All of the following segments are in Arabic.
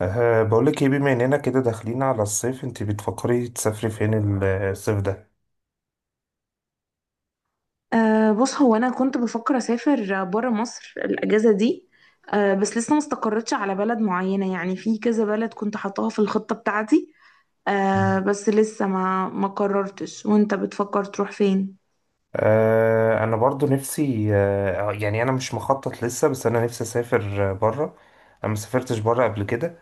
بقولك ايه، بما اننا كده داخلين على الصيف انت بتفكري تسافري فين الصيف ده؟ بص، هو أنا كنت بفكر أسافر برا مصر الأجازة دي. بس لسه ما استقرتش على بلد معينة، يعني في كذا بلد كنت حطاها في الخطة بتاعتي. مم. بس لسه ما ما قررتش. وأنت بتفكر تروح فين؟ انا برضو نفسي، يعني انا مش مخطط لسه، بس انا نفسي اسافر بره. انا ما سافرتش بره قبل كده.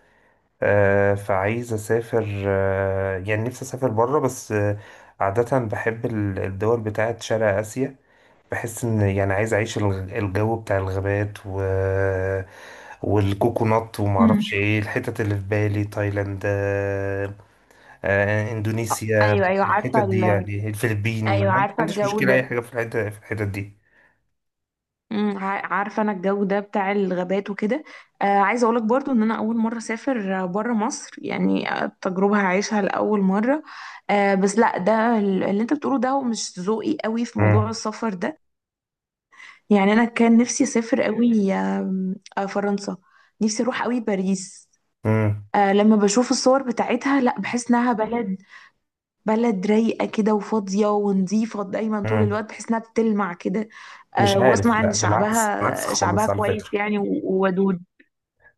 فعايز اسافر، يعني نفسي اسافر بره بس. عادة بحب الدول بتاعت شرق اسيا. بحس ان يعني عايز اعيش الجو بتاع الغابات و والكوكونات، وما مم. اعرفش ايه الحتت اللي في بالي. تايلاند، اندونيسيا، ايوه، ايوه، الحتت عارفه دي، يعني الفلبين. ايوه، ما عارفه عنديش الجو مشكلة اي ده. حاجة في في الحتت دي. عارفه انا الجو ده بتاع الغابات وكده. عايزه اقولك برضو ان انا اول مره اسافر بره مصر، يعني. التجربه هعيشها لاول مره. بس لا، ده اللي انت بتقوله ده هو مش ذوقي قوي في موضوع مم. السفر ده. يعني انا كان نفسي اسافر قوي، آم، آه فرنسا. نفسي اروح قوي باريس. مم. لما بشوف الصور بتاعتها، لا، بحس انها بلد بلد رايقة كده وفاضية ونظيفة دايما طول مم. الوقت، بحس انها بتلمع كده. مش عارف، واسمع ان لا بالعكس، بالعكس شعبها شعبها خالص على كويس، فكرة. يعني وودود.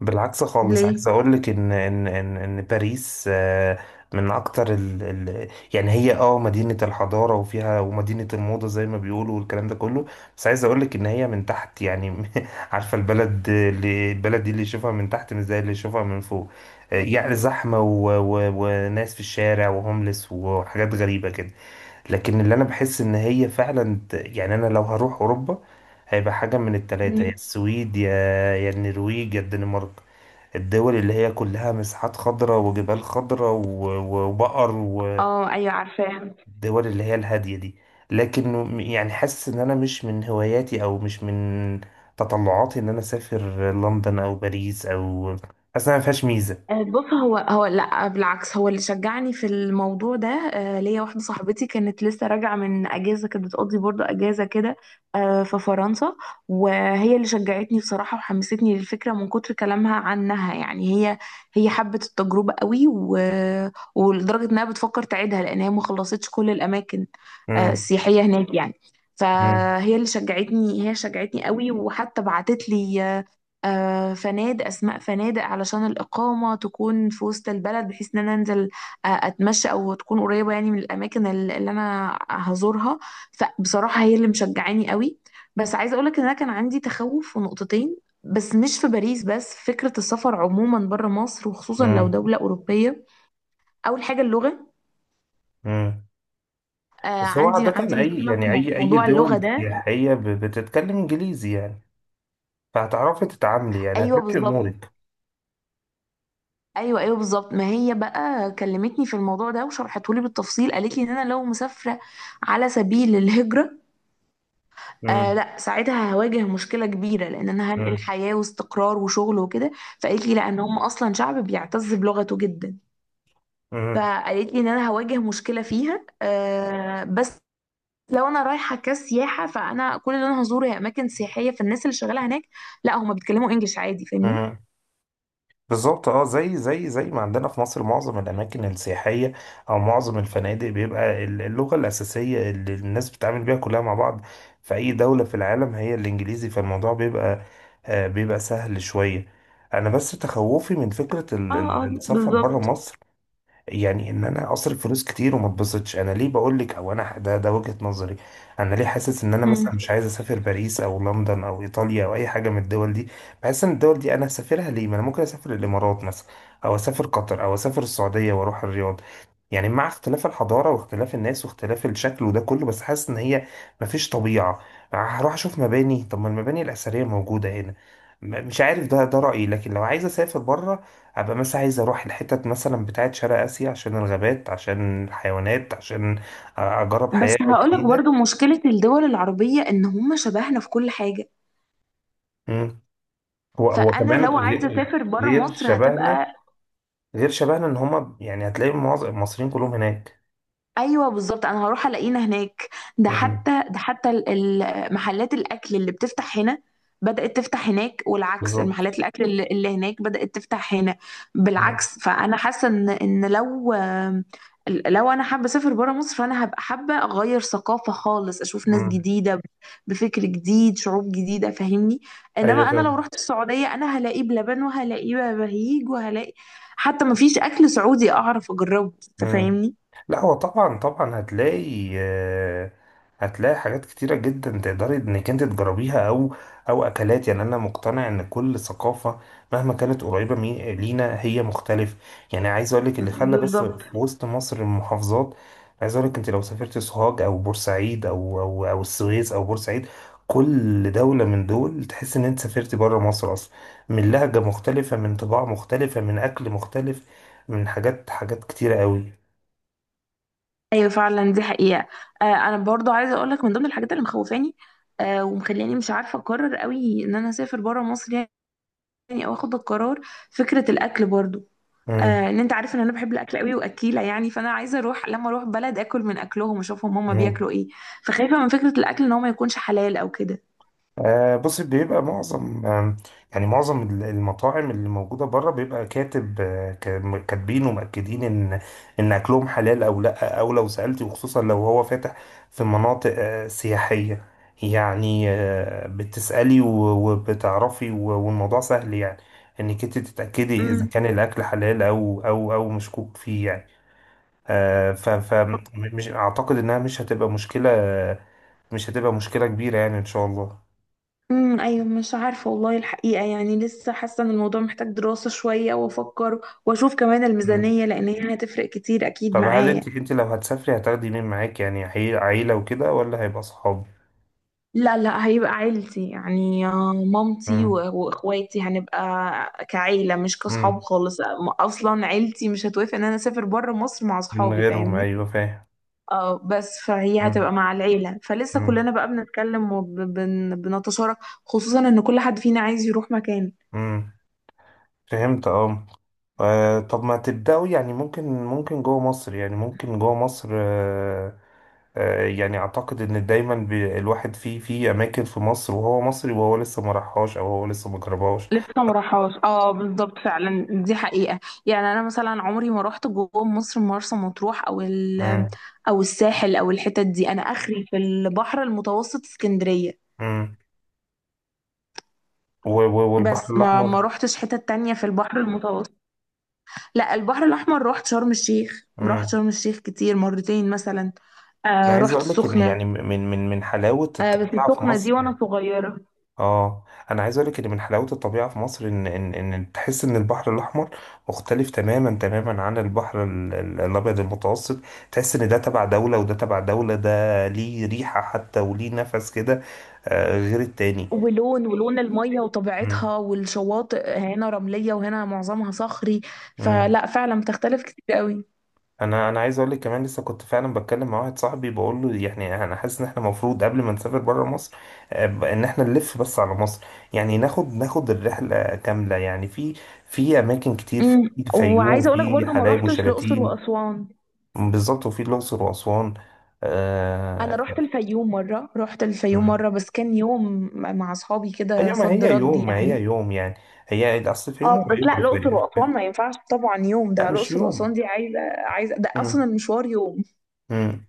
بالعكس خالص، ليه؟ عايز اقول لك ان باريس من اكتر ال، يعني هي مدينة الحضارة وفيها، ومدينة الموضة زي ما بيقولوا والكلام ده كله. بس عايز اقول لك ان هي من تحت يعني، عارفة البلد، اللي البلد دي اللي يشوفها من تحت مش زي اللي يشوفها من فوق. يعني زحمة، و و وناس في الشارع وهوملس وحاجات غريبة كده. لكن اللي انا بحس ان هي فعلا، يعني انا لو هروح اوروبا هيبقى حاجة من التلاتة، يا مم. السويد، يا يا النرويج، يا الدنمارك، الدول اللي هي كلها مساحات خضراء وجبال خضراء وبقر، اه، ايوه، عارفاها. والدول اللي هي الهادية دي. لكن يعني حاسس ان انا مش من هواياتي او مش من تطلعاتي ان انا اسافر لندن او باريس او، حاسس انها ما فيهاش ميزة. بص، هو هو لا بالعكس، هو اللي شجعني في الموضوع ده. ليا واحده صاحبتي كانت لسه راجعه من اجازه، كانت بتقضي برضو اجازه كده في فرنسا. وهي اللي شجعتني بصراحه وحمستني للفكره من كتر كلامها عنها، يعني هي حبت التجربه قوي ولدرجه انها بتفكر تعيدها، لان هي ما خلصتش كل الاماكن مم. السياحيه هناك يعني. مم. فهي اللي شجعتني، هي شجعتني قوي، وحتى بعتت لي فنادق، اسماء فنادق علشان الاقامه تكون في وسط البلد، بحيث ان انا انزل اتمشى، او تكون قريبه يعني من الاماكن اللي انا هزورها. فبصراحه هي اللي مشجعاني قوي. بس عايزه اقولك ان انا كان عندي تخوف في نقطتين، بس مش في باريس بس، فكره السفر عموما بره مصر، وخصوصا لو مم. دوله اوروبيه. اول حاجه، اللغه. مم. بس هو عندي عادة اي، مشكله يعني في اي اي موضوع اللغه دول ده. سياحية بتتكلم انجليزي، يعني فهتعرفي تتعاملي، يعني ايوه، هتمشي بالظبط. امورك. ايوه، ايوه، بالظبط. ما هي بقى كلمتني في الموضوع ده وشرحته لي بالتفصيل، قالت لي ان انا لو مسافره على سبيل الهجره مم. لا، ساعتها هواجه مشكله كبيره، لان انا هنقل مم. حياه واستقرار وشغل وكده. فقالت لي لا، ان هم اصلا شعب بيعتز بلغته جدا. مم. فقالت لي ان انا هواجه مشكله فيها، بس لو انا رايحه كسياحه فانا كل اللي انا هزوره هي اماكن سياحيه، فالناس اللي شغاله هناك لا، هم بيتكلموا انجلش عادي، فاهمني. مم. بالظبط اه زي ما عندنا في مصر، معظم الاماكن السياحيه او معظم الفنادق بيبقى اللغه الاساسيه اللي الناس بتتعامل بيها كلها مع بعض في اي دوله في العالم هي الانجليزي، فالموضوع بيبقى بيبقى سهل شويه. انا بس تخوفي من فكره اه، اه، السفر بره بالظبط. مصر، يعني ان انا اصرف فلوس كتير وما اتبسطش. انا ليه بقول لك؟ او انا، ده وجهة نظري، انا ليه حاسس ان انا مم. مثلا مش عايز اسافر باريس او لندن او ايطاليا او اي حاجه من الدول دي. بحس ان الدول دي انا هسافرها ليه؟ ما انا ممكن اسافر الامارات مثلا، او اسافر قطر، او اسافر السعوديه واروح الرياض، يعني مع اختلاف الحضاره واختلاف الناس واختلاف الشكل وده كله، بس حاسس ان هي مفيش طبيعه. هروح اشوف مباني؟ طب ما المباني الاثريه موجوده هنا. مش عارف، ده رايي، لكن لو عايز اسافر بره، هبقى مثلا عايز اروح الحتت مثلا بتاعت شرق اسيا، عشان الغابات عشان الحيوانات عشان اجرب بس حياة هقولك جديدة. برضو، مشكلة الدول العربية إن هم شبهنا في كل حاجة. مم. هو هو فأنا كمان لو عايزة أسافر برا غير مصر شبهنا، هتبقى. غير شبهنا، ان هما يعني هتلاقي معظم المصريين كلهم هناك. ايوه، بالظبط، انا هروح الاقينا هناك. ده مم. حتى، ده حتى محلات الاكل اللي بتفتح هنا بدأت تفتح هناك، والعكس، بالظبط. المحلات الاكل اللي هناك بدأت تفتح هنا. مم. بالعكس. فانا حاسه ان لو انا حابه اسافر بره مصر فانا هبقى حابه اغير ثقافه خالص، اشوف ناس مم. جديده بفكر جديد، شعوب جديده، فاهمني. ايوه انما انا لو فاهم. رحت السعوديه انا هلاقي بلبن وهلاقي بهيج وهلاقي، حتى مفيش اكل سعودي اعرف اجربه. انت مم. فاهمني؟ لا هو طبعا طبعا هتلاقي، هتلاقي حاجات كتيرة جدا تقدري انك انت تجربيها، او اكلات. يعني انا مقتنع ان كل ثقافة مهما كانت قريبة، لينا هي مختلف. يعني عايز اقول لك، اللي خلى بس بالظبط. في وسط مصر المحافظات، عايز اقول لك انت لو سافرت سوهاج او بورسعيد او السويس او بورسعيد، كل دولة من دول تحس ان انت سافرت بره مصر اصلا، من لهجة مختلفة، من طباع مختلفة، من اكل مختلف، من حاجات كتيرة قوي. ايوه، فعلا دي حقيقه. انا برضو عايزه اقول لك من ضمن الحاجات اللي مخوفاني ومخلياني مش عارفه اقرر قوي ان انا اسافر بره مصر، يعني او اخد القرار. فكره الاكل برضو، مم. ان انت عارف ان انا بحب الاكل قوي واكيله، يعني فانا عايزه اروح، لما اروح بلد اكل من اكلهم واشوفهم هما مم. بياكلوا ايه. فخايفه من فكره الاكل، ان هو ما يكونش حلال او كده. بص، بيبقى معظم، يعني معظم المطاعم اللي موجودة بره بيبقى كاتب، كاتبين ومأكدين إن أكلهم حلال أو لأ، أو لو سألتي، وخصوصا لو هو فاتح في مناطق سياحية، يعني بتسألي وبتعرفي، والموضوع سهل يعني، إنك أنت تتأكدي إذا امم. كان الأكل حلال أو مشكوك فيه يعني. ف ف مش، أعتقد إنها مش هتبقى مشكلة، مش هتبقى مشكلة كبيرة يعني، إن شاء الله. ايوه، مش عارفه والله الحقيقه، يعني لسه حاسه ان الموضوع محتاج دراسه شويه، وافكر واشوف كمان مم. الميزانيه، لان هي هتفرق كتير اكيد طب هل معايا. أنت لو هتسافري هتاخدي مين معاك؟ يعني عيلة وكده ولا هيبقى صحاب؟ لا، لا، هيبقى عيلتي يعني. مامتي مم. واخواتي هنبقى كعيلة مش كصحاب مم. خالص. اصلا عيلتي مش هتوافق ان انا اسافر بره مصر مع من صحابي، غيرهم، فاهمني. أيوة فاهم. اه، بس فهي مم. هتبقى مع العيلة، فلسه مم. كلنا بقى بنتكلم وبنتشارك، خصوصا ان كل حد فينا عايز يروح مكان مم. فهمت أه. طب ما تبدأوا، يعني ممكن جوه مصر، يعني ممكن جوه مصر يعني أعتقد إن دايما، الواحد فيه، في أماكن في مصر وهو مصري وهو لسه ما راحهاش أو هو لسه ما جربهاش. لسه ما راحهاش. اه، بالظبط، فعلا دي حقيقة. يعني انا مثلا عمري ما رحت جوه مصر مرسى مطروح او مم. او الساحل، او الحتت دي، انا اخري في البحر المتوسط اسكندرية. مم. والبحر بس ما الأحمر. روحتش حتة تانية في البحر المتوسط. لا، البحر الأحمر روحت شرم الشيخ، روحت مم. شرم الشيخ كتير، مرتين مثلا. انا عايز رحت اقول لك ان يعني السخنة. من حلاوه بس الطبيعه في السخنة دي مصر، وأنا صغيرة. اه انا عايز اقول لك ان من حلاوه الطبيعه في مصر، ان تحس ان البحر الاحمر مختلف تماما، تماما عن البحر الابيض المتوسط. تحس ان ده تبع دوله وده تبع دوله، ده ليه ريحه حتى وليه نفس كده، غير التاني. ولون المية وطبيعتها، والشواطئ هنا رملية وهنا معظمها صخري، امم. فلا، فعلا بتختلف كتير قوي. انا عايز اقول لك كمان، لسه كنت فعلا بتكلم مع واحد صاحبي بقول له، يعني انا حاسس ان احنا المفروض قبل ما نسافر بره مصر، ان احنا نلف بس على مصر، يعني ناخد الرحله كامله، يعني في في اماكن كتير، في وعايزة الفيوم، أقولك في برضو، ما حلايب روحتش الأقصر وشلاتين. وأسوان. بالظبط، وفي الاقصر واسوان. أنا آه، روحت الفيوم مرة، روحت الفيوم مم. مرة بس كان يوم مع أصحابي كده ايوه، صد رد ما هي يعني. يوم، يعني هي اصل الفيوم اه، بس قريبه، لا، الاقصر الفيوم. واسوان ما ينفعش طبعا يوم. ده لا مش الاقصر واسوان يوم. دي عايزه، عايزه، ده اصلا مم. المشوار يوم. مم.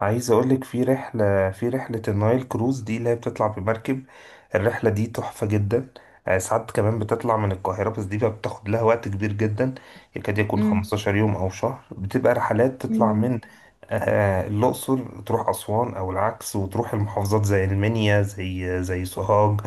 عايز اقولك في رحلة، النايل كروز دي اللي هي بتطلع بمركب. الرحلة دي تحفة جدا. ساعات كمان بتطلع من القاهرة، بس دي بقى بتاخد لها وقت كبير جدا، يكاد يكون امم، 15 يوم او شهر. بتبقى رحلات تطلع امم، من الأقصر تروح أسوان أو العكس، وتروح المحافظات زي المنيا زي سوهاج،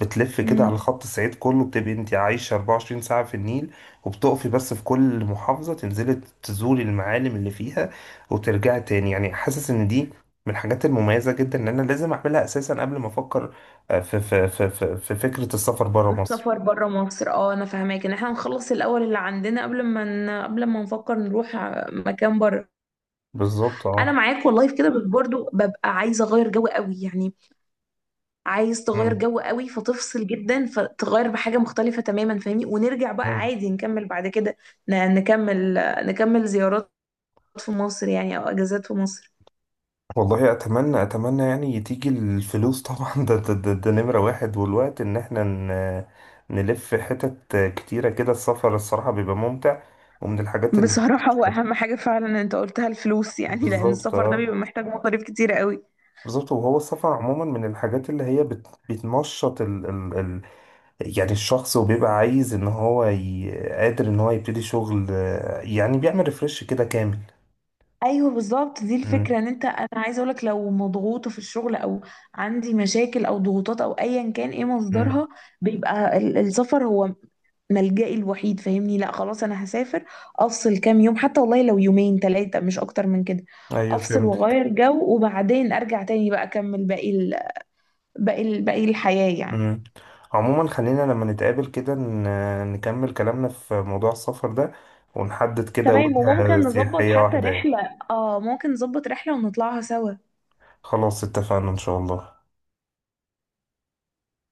بتلف كده على امم. خط الصعيد كله، بتبقي انت عايشة 24 ساعة في النيل، وبتقفي بس في كل محافظة تنزلي تزوري المعالم اللي فيها، وترجع تاني. يعني حاسس ان دي من الحاجات المميزة جدا ان انا لازم اعملها اساسا قبل ما افكر في في فكرة السفر برا مصر. السفر بره مصر. اه، انا فاهماك، ان احنا نخلص الاول اللي عندنا قبل ما نفكر نروح مكان بره. بالظبط انا اه. معاك والله في كده، بس برضو ببقى عايزه اغير جو قوي يعني. عايز تغير مم. جو قوي، فتفصل جدا، فتغير بحاجه مختلفه تماما، فاهمني، ونرجع بقى مم. عادي نكمل بعد كده. ن... نكمل نكمل زيارات في مصر، يعني او اجازات في مصر. والله اتمنى، يعني تيجي الفلوس طبعا، ده ده نمرة واحد، والوقت ان احنا نلف حتت كتيرة كده. السفر الصراحة بيبقى ممتع، ومن الحاجات اللي بصراحة هو أهم حاجة فعلا أنت قلتها، الفلوس يعني، لأن بالظبط السفر ده اه. بيبقى محتاج مصاريف كتيرة قوي. بالظبط، وهو السفر عموما من الحاجات اللي هي بتنشط ال... يعني الشخص، وبيبقى عايز ان هو قادر ان هو يبتدي شغل، يعني بيعمل ريفرش كده كامل. ايوه، بالظبط، دي امم. الفكره. ان انا عايزه اقولك، لو مضغوطه في الشغل، او عندي مشاكل او ضغوطات، او ايا كان ايه امم، مصدرها، بيبقى السفر هو ملجئي الوحيد، فاهمني. لا، خلاص انا هسافر، افصل كام يوم، حتى والله لو يومين ثلاثه، مش اكتر من كده. ايوه افصل فهمتك. واغير جو، وبعدين ارجع تاني بقى اكمل باقي الحياه يعني. امم. عموما، خلينا لما نتقابل كده نكمل كلامنا في موضوع السفر ده، ونحدد كده تمام، وجهة وممكن نظبط سياحية حتى واحدة يعني. رحلة. اه، ممكن نظبط رحلة ونطلعها سوا. خلاص، اتفقنا ان شاء الله.